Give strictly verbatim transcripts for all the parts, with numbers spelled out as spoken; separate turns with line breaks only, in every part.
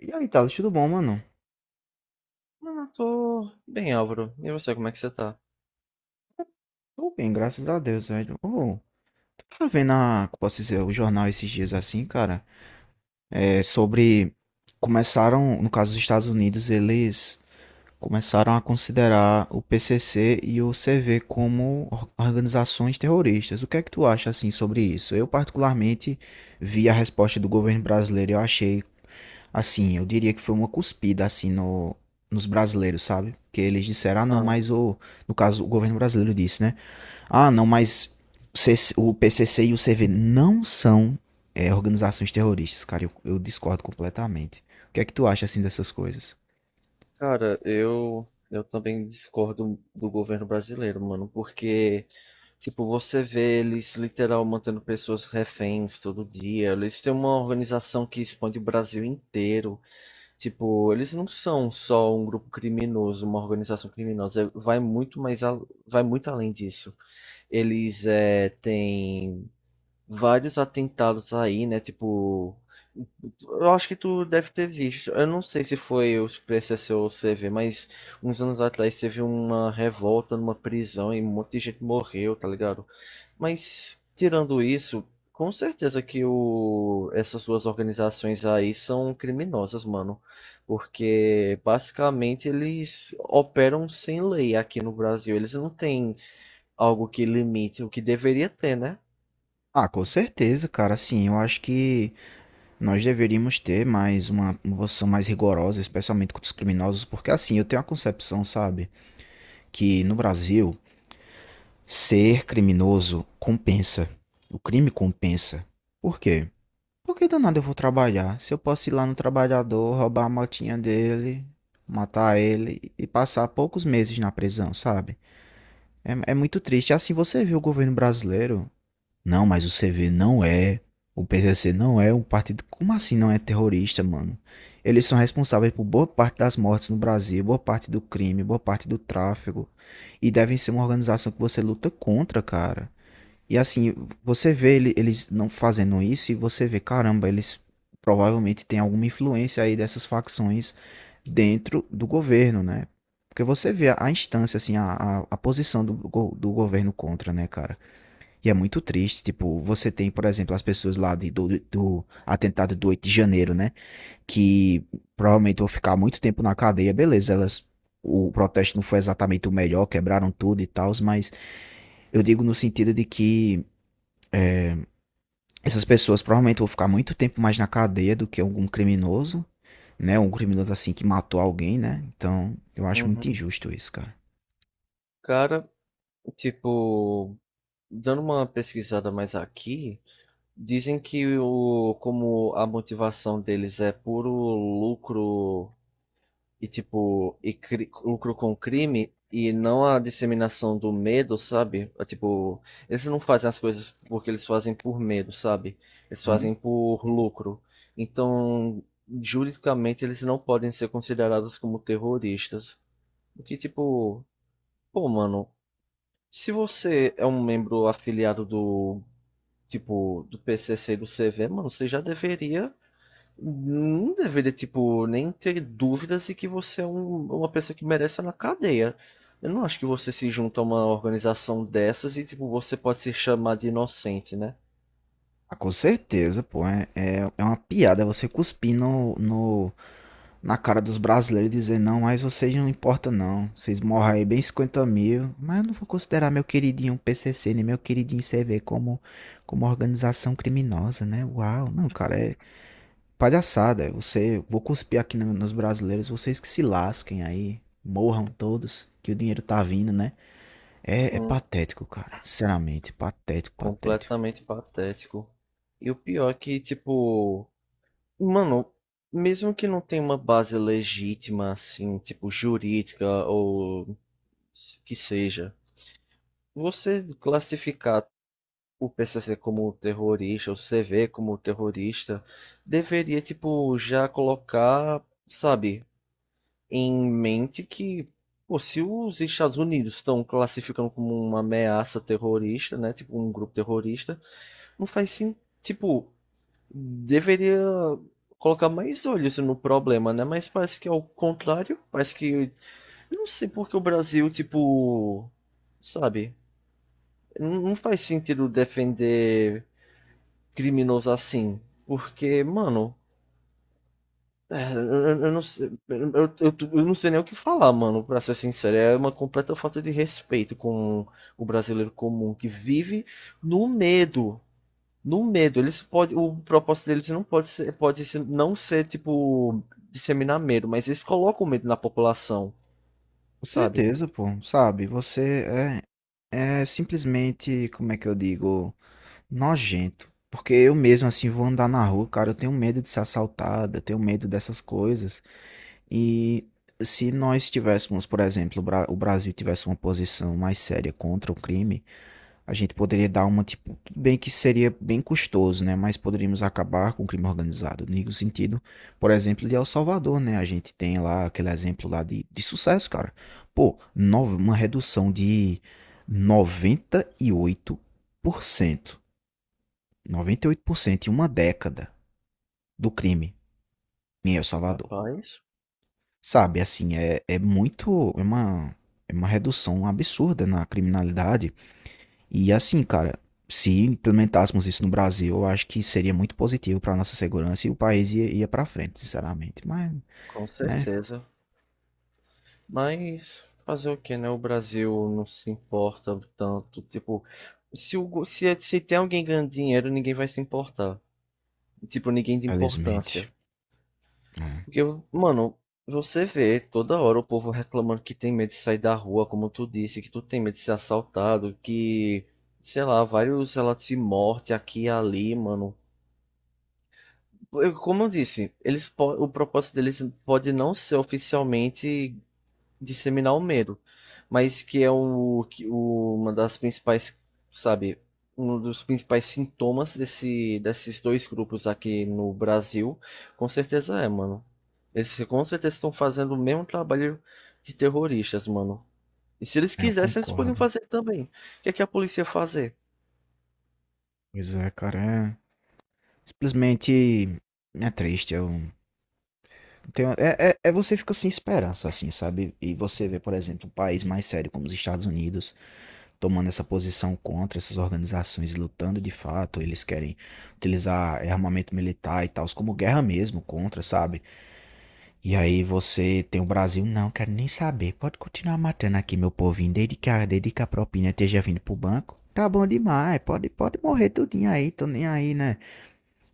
E aí, Thales, tudo bom, mano?
Ah, tô bem, Álvaro. E você, como é que você tá?
Tô bem, graças a Deus, velho. Ô, tu tá vendo a, como posso dizer, o jornal esses dias assim, cara? É sobre. Começaram, no caso dos Estados Unidos, eles começaram a considerar o P C C e o C V como or- organizações terroristas. O que é que tu acha, assim, sobre isso? Eu, particularmente, vi a resposta do governo brasileiro e eu achei. Assim, eu diria que foi uma cuspida, assim, no, nos brasileiros, sabe? Porque eles disseram, ah, não,
Ah,
mas o. No caso, o governo brasileiro disse, né? Ah, não, mas o C C o P C C e o C V não são, é, organizações terroristas, cara. Eu, eu discordo completamente. O que é que tu acha, assim, dessas coisas?
cara, eu eu também discordo do governo brasileiro, mano, porque tipo, você vê eles literal mantendo pessoas reféns todo dia. Eles têm uma organização que expande o Brasil inteiro. Tipo, eles não são só um grupo criminoso, uma organização criminosa, vai muito mais al- vai muito além disso. Eles é, têm vários atentados aí, né? Tipo, eu acho que tu deve ter visto. Eu não sei se foi o P C C ou o C V, mas uns anos atrás teve uma revolta numa prisão e um monte de gente morreu, tá ligado? Mas tirando isso, com certeza que o... essas duas organizações aí são criminosas, mano. Porque basicamente eles operam sem lei aqui no Brasil. Eles não têm algo que limite o que deveria ter, né?
Ah, com certeza, cara. Assim, eu acho que nós deveríamos ter mais uma uma posição mais rigorosa, especialmente contra os criminosos, porque assim, eu tenho a concepção, sabe, que no Brasil ser criminoso compensa. O crime compensa. Por quê? Por que danado eu vou trabalhar se eu posso ir lá no trabalhador, roubar a motinha dele, matar ele e passar poucos meses na prisão, sabe? É, é muito triste. Assim você vê o governo brasileiro. Não, mas o C V não é. O P C C não é um partido. Como assim não é terrorista, mano? Eles são responsáveis por boa parte das mortes no Brasil, boa parte do crime, boa parte do tráfico. E devem ser uma organização que você luta contra, cara. E assim, você vê ele- eles não fazendo isso e você vê, caramba, eles provavelmente têm alguma influência aí dessas facções dentro do governo, né? Porque você vê a a instância, assim, a, a, a posição do, go- do governo contra, né, cara? E é muito triste, tipo, você tem, por exemplo, as pessoas lá de, do, do atentado do oito de janeiro, né? Que provavelmente vão ficar muito tempo na cadeia, beleza, elas... O protesto não foi exatamente o melhor, quebraram tudo e tal, mas eu digo no sentido de que essas pessoas provavelmente vão ficar muito tempo mais na cadeia do que algum criminoso, né? Um criminoso assim que matou alguém, né? Então, eu acho muito
Uhum.
injusto isso, cara.
Cara, tipo, dando uma pesquisada mais aqui, dizem que o, como a motivação deles é puro lucro e tipo, e cri- lucro com crime e não a disseminação do medo, sabe? É, tipo, eles não fazem as coisas porque eles fazem por medo, sabe? Eles
Hum.
fazem por lucro. Então, juridicamente eles não podem ser considerados como terroristas. O que tipo, pô, mano, se você é um membro afiliado do, tipo, do P C C e do C V, mano, você já deveria. Não deveria, tipo, nem ter dúvidas de que você é um- uma pessoa que merece estar na cadeia. Eu não acho que você se junta a uma organização dessas e, tipo, você pode se chamar de inocente, né?
Ah, com certeza, pô. É, é, é uma piada você cuspir no, no, na cara dos brasileiros e dizer, não, mas vocês não importam não. Vocês morram aí bem cinquenta mil. Mas eu não vou considerar meu queridinho P C C, nem meu queridinho C V como, como organização criminosa, né? Uau. Não, cara, é, palhaçada, você, vou cuspir aqui no- nos brasileiros, vocês que se lasquem aí, morram todos, que o dinheiro tá vindo, né? É, é
Hum,
patético, cara, sinceramente, patético, patético.
completamente patético. E o pior é que, tipo, mano, mesmo que não tenha uma base legítima, assim, tipo, jurídica ou que seja. Você classificar o P C C como terrorista, o C V como terrorista, deveria, tipo, já colocar, sabe, em mente que, pô, se os Estados Unidos estão classificando como uma ameaça terrorista, né, tipo, um grupo terrorista, não faz sentido, tipo, deveria colocar mais olhos no problema, né, mas parece que é o contrário, parece que, eu não sei por que o Brasil, tipo, sabe, não não faz sentido defender criminosos assim. Porque, mano. é, Eu, eu- não sei, eu, eu- eu não sei nem o que falar, mano, pra ser sincero. É uma completa falta de respeito com o brasileiro comum que vive no medo. No medo. Eles podem o propósito deles não pode ser, pode ser- não ser, tipo, disseminar medo, mas eles colocam medo na população,
Com
sabe?
certeza, pô, sabe, você é, é simplesmente, como é que eu digo, nojento. Porque eu mesmo, assim, vou andar na rua, cara, eu tenho medo de ser assaltado, eu tenho medo dessas coisas. E se nós tivéssemos, por exemplo, o Bra- o Brasil tivesse uma posição mais séria contra o crime, a gente poderia dar uma, tipo, tudo bem que seria bem custoso, né? Mas poderíamos acabar com o crime organizado, no sentido, por exemplo, de El Salvador, né? A gente tem lá aquele exemplo lá de, de sucesso, cara. Pô, nove, uma redução de noventa noventa e e oito oito por cento noventa e oito por cento em uma década do crime em El Salvador.
Rapaz,
Sabe, assim, é, é muito, é uma, é uma redução absurda na criminalidade. E assim, cara, se implementássemos isso no Brasil, eu acho que seria muito positivo para nossa segurança e o país ia, ia para frente, sinceramente. Mas,
com
né,
certeza. Mas fazer o que, né? O Brasil não se importa tanto. Tipo, se, o, go- se, é, se tem alguém ganhando dinheiro, ninguém vai se importar. Tipo, ninguém de
felizmente.
importância.
É,
Porque, mano, você vê toda hora o povo reclamando que tem medo de sair da rua, como tu disse, que tu tem medo de ser assaltado, que, sei lá, vários relatos de morte aqui e ali, mano. Eu- Como eu disse, eles, po- o propósito deles pode não ser oficialmente disseminar o medo, mas que é o, que o- uma das principais, sabe, um dos principais sintomas desse, desses dois grupos aqui no Brasil, com certeza é, mano. Eles com certeza estão fazendo o mesmo trabalho de terroristas, mano. E se eles
É, eu
quisessem, eles podiam
concordo.
fazer também. O que é que a polícia ia fazer?
Pois é, cara, é simplesmente é triste. Eu tenho, é, é, é você fica sem esperança, assim, sabe? E você vê, por exemplo, um país mais sério como os Estados Unidos tomando essa posição contra essas organizações e lutando de fato. Eles querem utilizar eh, armamento militar e tal, como guerra mesmo contra, sabe? E aí você tem o Brasil? Não, quero nem saber. Pode continuar matando aqui, meu povinho, desde que a, desde que a propina esteja vindo pro banco. Tá bom demais, pode, pode morrer tudinho aí, tô nem aí, né?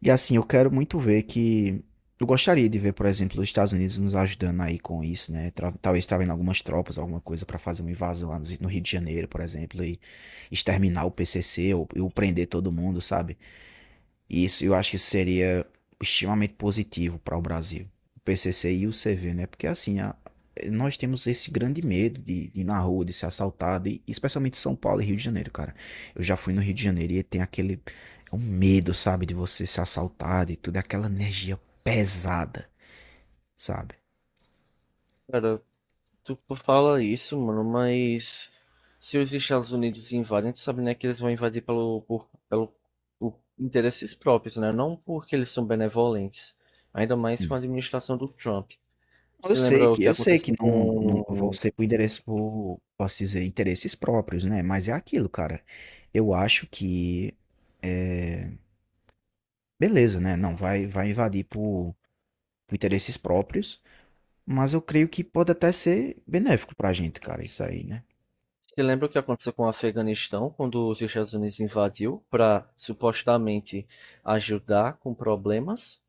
E assim, eu quero muito ver que... Eu gostaria de ver, por exemplo, os Estados Unidos nos ajudando aí com isso, né? Tra- Talvez trazendo algumas tropas, alguma coisa pra fazer uma invasão lá no no Rio de Janeiro, por exemplo, e exterminar o P C C ou, ou prender todo mundo, sabe? E isso eu acho que seria extremamente positivo para o Brasil. O P C C e o C V, né? Porque assim, a- nós temos esse grande medo de, de ir na rua, de ser assaltado, e, especialmente São Paulo e Rio de Janeiro, cara. Eu já fui no Rio de Janeiro e tem aquele é um medo, sabe, de você ser assaltado e tudo, é aquela energia pesada, sabe?
Cara, tu fala isso, mano, mas se os Estados Unidos invadem, tu sabe, né, que eles vão invadir pelo, por, pelo por interesses próprios, né? Não porque eles são benevolentes. Ainda mais com a
Hum.
administração do Trump.
Eu
Se
sei
lembra o
que,
que
eu sei que
aconteceu
não, não vão
com,
ser por endereço, por, posso dizer, interesses próprios, né? Mas é aquilo, cara. Eu acho que beleza, né? Não vai, vai invadir por, por interesses próprios, mas eu creio que pode até ser benéfico pra gente, cara, isso aí, né?
se lembra o que aconteceu com o Afeganistão, quando os Estados Unidos invadiu para supostamente ajudar com problemas?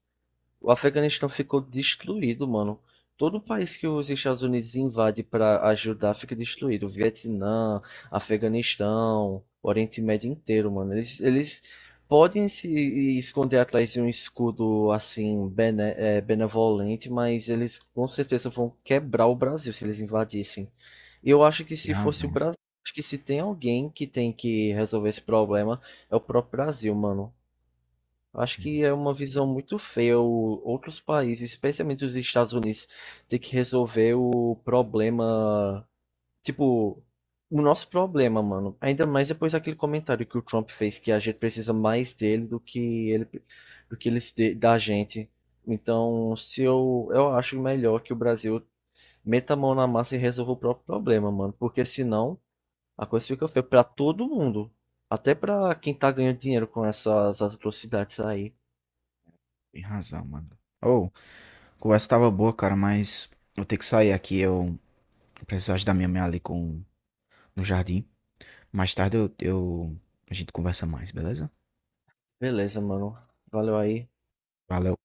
O Afeganistão ficou destruído, mano. Todo país que os Estados Unidos invade para ajudar fica destruído. Vietnã, Afeganistão, Oriente Médio inteiro, mano. Eles, eles podem se esconder atrás de um escudo assim bene- é, benevolente, mas eles com certeza vão quebrar o Brasil se eles invadissem. Eu acho que
Tem
se fosse
razão.
o Brasil, acho que se tem alguém que tem que resolver esse problema é o próprio Brasil, mano. Eu acho que é uma visão muito feia o- outros países, especialmente os Estados Unidos, ter que resolver o problema, tipo, o nosso problema, mano. Ainda mais depois daquele comentário que o Trump fez, que a gente precisa mais dele do que ele, do que eles de- da gente. Então, se eu, eu acho melhor que o Brasil meta a mão na massa e resolva o próprio problema, mano, porque senão a coisa fica feia pra todo mundo, até pra quem tá ganhando dinheiro com essas atrocidades aí.
Tem razão, mano. Ô, a conversa tava boa, cara, mas eu tenho que sair aqui. Eu preciso ajudar minha mãe ali com, no jardim. Mais tarde eu, eu, a gente conversa mais, beleza?
Beleza, mano. Valeu aí.
Valeu.